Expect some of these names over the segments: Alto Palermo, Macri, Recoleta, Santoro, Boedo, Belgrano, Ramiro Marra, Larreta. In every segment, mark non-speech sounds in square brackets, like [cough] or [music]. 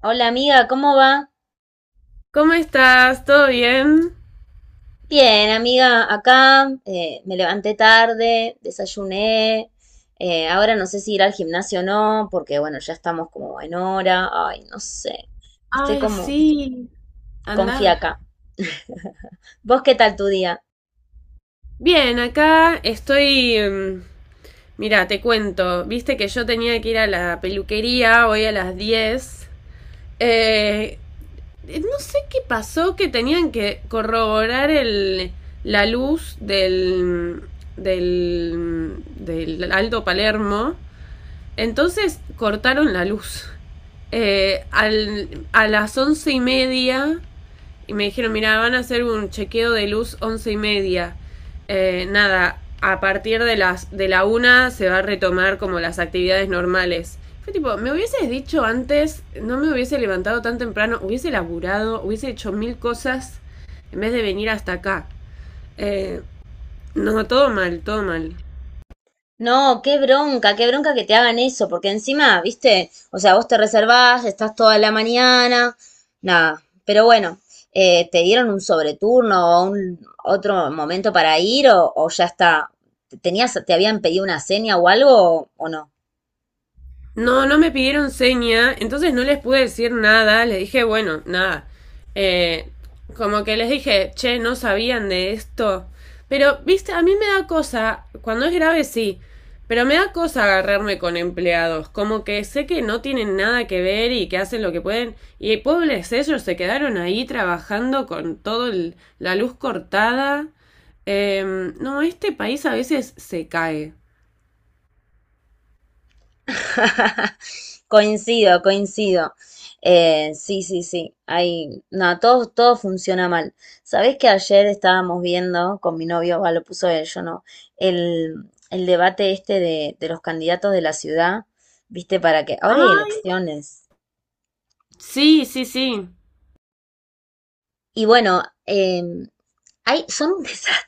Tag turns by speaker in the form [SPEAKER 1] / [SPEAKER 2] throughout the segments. [SPEAKER 1] Hola amiga, ¿cómo va?
[SPEAKER 2] ¿Cómo estás? ¿Todo bien?
[SPEAKER 1] Bien, amiga, acá me levanté tarde, desayuné, ahora no sé si ir al gimnasio o no, porque bueno, ya estamos como en hora, ay, no sé, estoy
[SPEAKER 2] Ay,
[SPEAKER 1] como
[SPEAKER 2] sí.
[SPEAKER 1] con
[SPEAKER 2] Anda.
[SPEAKER 1] fiaca. [laughs] ¿Vos qué tal tu día?
[SPEAKER 2] Bien, acá estoy. Mira, te cuento, viste que yo tenía que ir a la peluquería hoy a las 10. Eh, no sé qué pasó, que tenían que corroborar la luz del Alto Palermo. Entonces cortaron la luz. A las 11:30 y me dijeron, "Mira, van a hacer un chequeo de luz 11:30." Nada, a partir de las de la 1 se va a retomar como las actividades normales. Fue tipo, "Me hubieses dicho antes, no me hubiese levantado tan temprano, hubiese laburado, hubiese hecho mil cosas en vez de venir hasta acá." Eh, no, todo mal, todo mal.
[SPEAKER 1] No, qué bronca que te hagan eso, porque encima, viste, o sea, vos te reservás, estás toda la mañana, nada, pero bueno, ¿te dieron un sobreturno o un otro momento para ir o ya está? ¿Tenías, te habían pedido una seña o algo o no?
[SPEAKER 2] No, no me pidieron seña, entonces no les pude decir nada, les dije, "Bueno, nada." Eh, como que les dije, "Che, no sabían de esto." Pero, viste, a mí me da cosa. Cuando es grave, sí, pero me da cosa agarrarme con empleados, como que sé que no tienen nada que ver y que hacen lo que pueden. Y pobres, ellos se quedaron ahí trabajando con todo la luz cortada. No, este país a veces se cae.
[SPEAKER 1] [laughs] Coincido, coincido. Sí, sí, sí. Hay, no, todo, todo funciona mal. ¿Sabés que ayer estábamos viendo con mi novio, va, lo puso él, yo no, el, el debate este de los candidatos de la ciudad, viste, para que ahora hay
[SPEAKER 2] Ay,
[SPEAKER 1] elecciones.
[SPEAKER 2] sí, sí, sí.
[SPEAKER 1] Y bueno, hay, son un [laughs] desastre.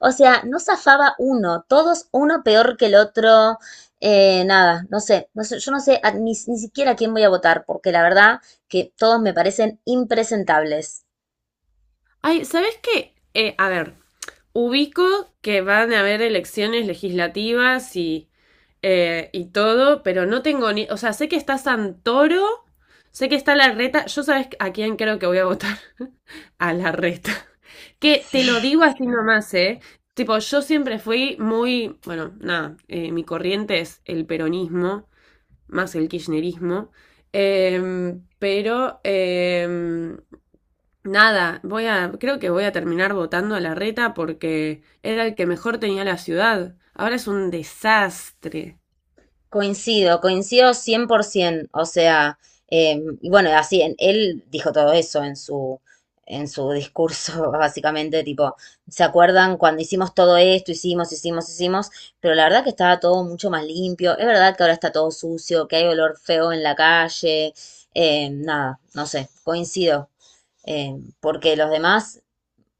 [SPEAKER 1] O sea, no zafaba uno, todos uno peor que el otro. Eh, nada, no sé, yo ni, ni siquiera a quién voy a votar, porque la verdad que todos me parecen impresentables.
[SPEAKER 2] Ay, ¿sabes qué? A ver, ubico que van a haber elecciones legislativas y todo, pero no tengo ni. O sea, sé que está Santoro, sé que está la Reta. Yo sabes a quién creo que voy a votar. [laughs] A la Reta. Que te lo
[SPEAKER 1] Sí,
[SPEAKER 2] digo así nomás, ¿eh? Tipo, yo siempre fui muy. Bueno, nada, mi corriente es el peronismo, más el kirchnerismo. Pero... nada, voy a, creo que voy a terminar votando a la Reta, porque era el que mejor tenía la ciudad. Ahora es un desastre.
[SPEAKER 1] coincido, coincido 100%, o sea, y bueno, así, él dijo todo eso en en su discurso, [laughs] básicamente, tipo, ¿se acuerdan cuando hicimos todo esto, hicimos? Pero la verdad que estaba todo mucho más limpio, es verdad que ahora está todo sucio, que hay olor feo en la calle, nada, no sé, coincido, eh, porque los demás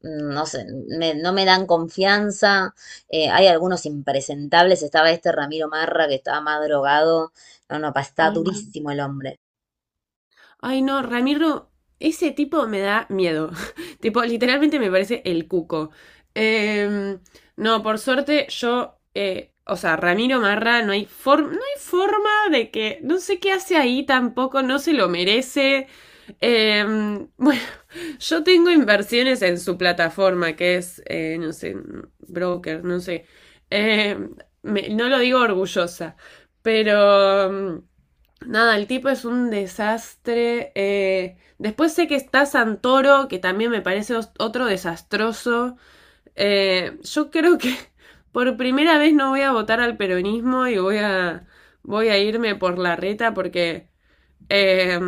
[SPEAKER 1] no sé, no me dan confianza. Eh, hay algunos impresentables. Estaba este Ramiro Marra que estaba más drogado. No, no, está
[SPEAKER 2] Ay, no.
[SPEAKER 1] durísimo el hombre.
[SPEAKER 2] Ay, no, Ramiro, ese tipo me da miedo. [laughs] Tipo, literalmente me parece el cuco. Em, no, por suerte yo, o sea, Ramiro Marra, no hay forma de que, no sé qué hace ahí tampoco, no se lo merece. [laughs] Bueno, yo tengo inversiones en su plataforma, que es, no sé, broker, no sé. Em, no lo digo orgullosa, pero... nada, el tipo es un desastre. Después sé que está Santoro, que también me parece otro desastroso. Yo creo que [laughs] por primera vez no voy a votar al peronismo y voy a irme por la Reta, porque eh,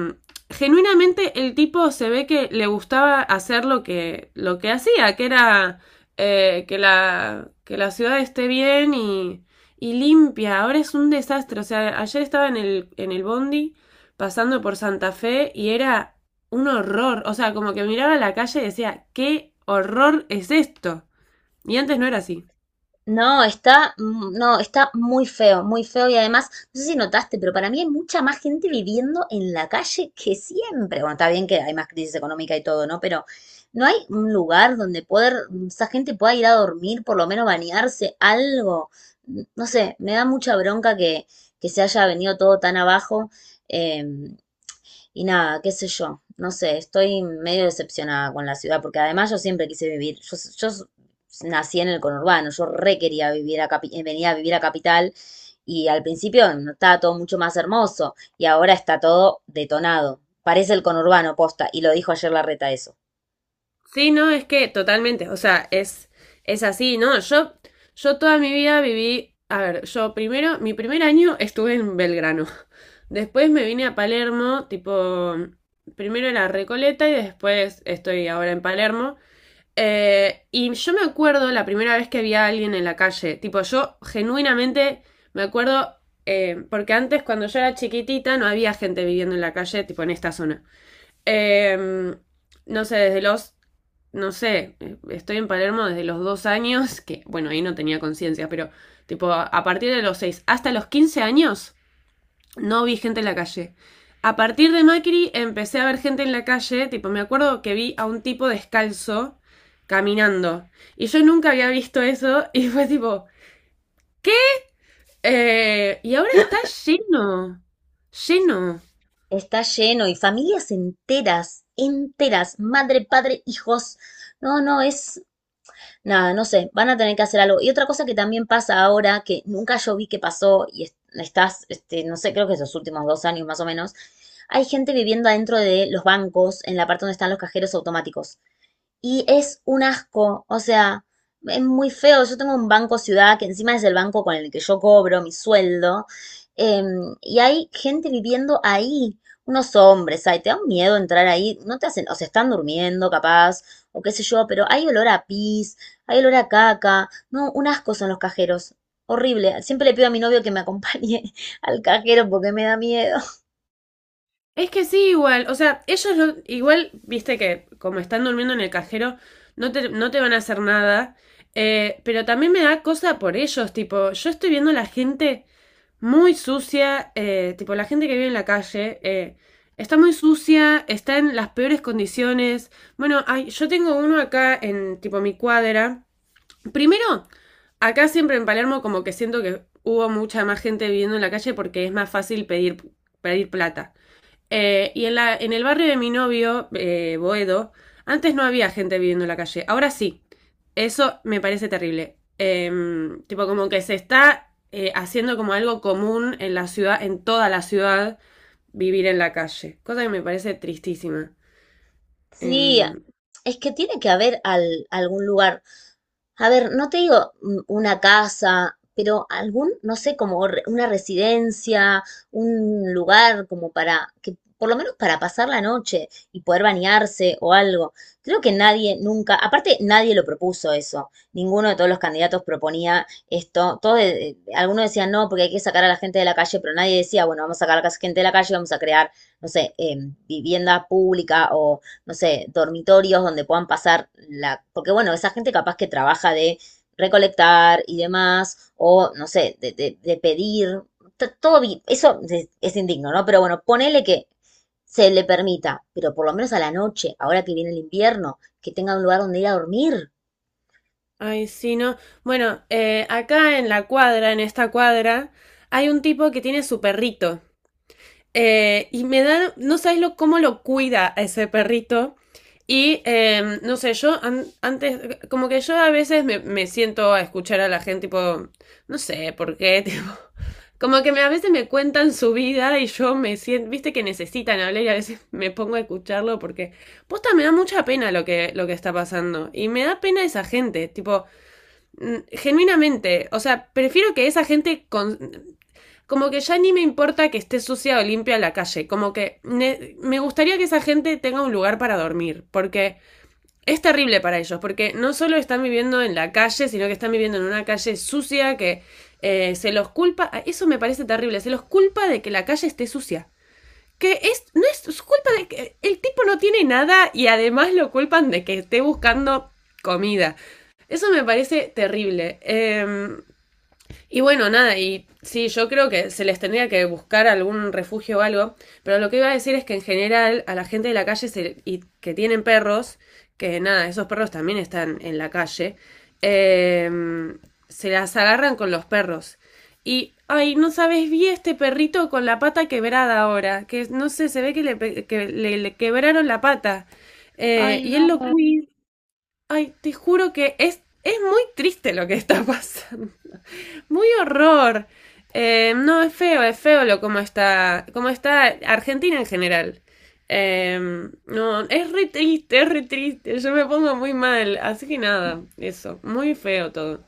[SPEAKER 2] genuinamente el tipo se ve que le gustaba hacer lo que hacía, que era que la ciudad esté bien y limpia. Ahora es un desastre. O sea, ayer estaba en el bondi pasando por Santa Fe y era un horror. O sea, como que miraba la calle y decía, "¿Qué horror es esto?" Y antes no era así.
[SPEAKER 1] No, está, no, está muy feo y además, no sé si notaste, pero para mí hay mucha más gente viviendo en la calle que siempre. Bueno, está bien que hay más crisis económica y todo, ¿no? Pero no hay un lugar donde poder, esa gente pueda ir a dormir, por lo menos bañarse, algo. No sé, me da mucha bronca que se haya venido todo tan abajo. Eh, y nada, qué sé yo, no sé, estoy medio decepcionada con la ciudad, porque además yo siempre quise vivir, yo nací en el conurbano, yo re quería vivir venir a vivir a Capital y al principio no estaba todo mucho más hermoso y ahora está todo detonado, parece el conurbano posta, y lo dijo ayer Larreta eso.
[SPEAKER 2] Sí, no, es que totalmente, o sea, es así, ¿no? Yo toda mi vida viví, a ver, yo primero, mi primer año estuve en Belgrano, después me vine a Palermo, tipo, primero en Recoleta y después estoy ahora en Palermo. Y yo me acuerdo la primera vez que vi a alguien en la calle. Tipo, yo genuinamente me acuerdo, porque antes, cuando yo era chiquitita, no había gente viviendo en la calle, tipo en esta zona. Eh, no sé, no sé, estoy en Palermo desde los 2 años, que bueno, ahí no tenía conciencia, pero tipo, a partir de los 6 hasta los 15 años, no vi gente en la calle. A partir de Macri empecé a ver gente en la calle. Tipo, me acuerdo que vi a un tipo descalzo caminando. Y yo nunca había visto eso. [laughs] Y fue tipo, y ahora está lleno, lleno.
[SPEAKER 1] Está lleno y familias enteras, enteras, madre, padre, hijos. No, no, es nada, no sé, van a tener que hacer algo. Y otra cosa que también pasa ahora, que nunca yo vi que pasó, y no sé, creo que esos últimos dos años más o menos, hay gente viviendo adentro de los bancos, en la parte donde están los cajeros automáticos. Y es un asco, o sea, es muy feo. Yo tengo un banco ciudad que encima es el banco con el que yo cobro mi sueldo. Y hay gente viviendo ahí, unos hombres, ay, te da un miedo entrar ahí, no te hacen, o se están durmiendo capaz, o qué sé yo, pero hay olor a pis, hay olor a caca, no, un asco son los cajeros, horrible. Siempre le pido a mi novio que me acompañe [laughs] al cajero porque me da miedo.
[SPEAKER 2] Es que sí, igual. O sea, ellos igual, viste que como están durmiendo en el cajero, no te van a hacer nada. Pero también me da cosa por ellos. Tipo, yo estoy viendo la gente muy sucia. Tipo, la gente que vive en la calle, está muy sucia, está en las peores condiciones. Bueno, ay, yo tengo uno acá en, tipo, mi cuadra. Primero, acá siempre en Palermo, como que siento que hubo mucha más gente viviendo en la calle porque es más fácil pedir, pedir plata. Y en el barrio de mi novio, Boedo, antes no había gente viviendo en la calle, ahora sí. Eso me parece terrible. Tipo, como que se está haciendo como algo común en la ciudad, en toda la ciudad, vivir en la calle. Cosa que me parece tristísima.
[SPEAKER 1] Sí,
[SPEAKER 2] Em,
[SPEAKER 1] es que tiene que haber algún lugar. A ver, no te digo una casa, pero algún, no sé, como una residencia, un lugar como para que por lo menos para pasar la noche y poder bañarse o algo. Creo que nadie nunca, aparte nadie lo propuso eso. Ninguno de todos los candidatos proponía esto. Algunos decían no, porque hay que sacar a la gente de la calle, pero nadie decía, bueno, vamos a sacar a la gente de la calle, vamos a crear, no sé, vivienda pública o no sé, dormitorios donde puedan pasar la. Porque bueno, esa gente capaz que trabaja de recolectar y demás, o no sé, de pedir, eso es indigno, ¿no? Pero bueno, ponele que se le permita, pero por lo menos a la noche, ahora que viene el invierno, que tenga un lugar donde ir a dormir.
[SPEAKER 2] Ay, sí, no. Bueno, acá en la cuadra, en esta cuadra, hay un tipo que tiene su perrito. Y me da, no sabes lo cómo lo cuida a ese perrito. No sé, yo antes, como que yo a veces me siento a escuchar a la gente. Tipo, no sé por qué, [laughs] tipo, como que a veces me cuentan su vida y yo me siento, viste que necesitan hablar y a veces me pongo a escucharlo porque, posta, me da mucha pena lo que está pasando. Y me da pena esa gente. Tipo, genuinamente, o sea, prefiero que esa gente como que ya ni me importa que esté sucia o limpia la calle. Como que me gustaría que esa gente tenga un lugar para dormir, porque es terrible para ellos, porque no solo están viviendo en la calle, sino que están viviendo en una calle sucia. Que se los culpa, ah, eso me parece terrible, se los culpa de que la calle esté sucia. Que no es su culpa de que el tipo no tiene nada, y además lo culpan de que esté buscando comida. Eso me parece terrible. Y bueno, nada, y sí, yo creo que se les tendría que buscar algún refugio o algo, pero lo que iba a decir es que en general a la gente de la calle y que tienen perros, que nada, esos perros también están en la calle, eh, se las agarran con los perros. Y ay, no sabes, vi este perrito con la pata quebrada ahora, que no sé, se ve que le quebraron la pata. Y él lo cuida. Ay, te juro que es muy triste lo que está [laughs] pasando. Muy horror. No, es feo cómo está Argentina en general. Eh, no, es re triste, es re triste. Yo me pongo muy mal. Así que nada, eso. Muy feo todo.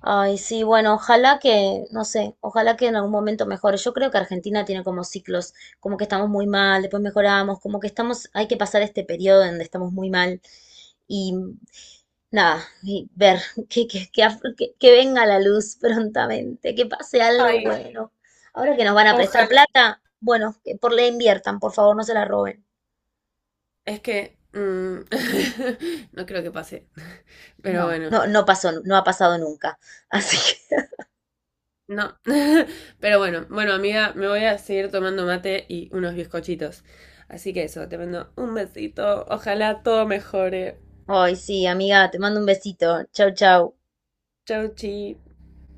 [SPEAKER 1] Ay, sí, bueno, ojalá que, no sé, ojalá que en algún momento mejore. Yo creo que Argentina tiene como ciclos, como que estamos muy mal, después mejoramos, como que estamos, hay que pasar este periodo donde estamos muy mal y nada, y ver [laughs] que venga la luz [laughs] prontamente, que pase algo
[SPEAKER 2] Ay,
[SPEAKER 1] bueno. Ahora que nos van a prestar
[SPEAKER 2] ojalá.
[SPEAKER 1] plata, bueno, que por la inviertan, por favor, no se la roben.
[SPEAKER 2] Es que [laughs] no creo que pase. Pero
[SPEAKER 1] No.
[SPEAKER 2] bueno,
[SPEAKER 1] No, no pasó, no ha pasado nunca. Así que,
[SPEAKER 2] no. [laughs] Pero bueno, bueno, amiga, me voy a seguir tomando mate y unos bizcochitos. Así que eso, te mando un besito. Ojalá todo mejore.
[SPEAKER 1] [laughs] ay, sí, amiga, te mando un besito. Chau, chau.
[SPEAKER 2] Chau, chi.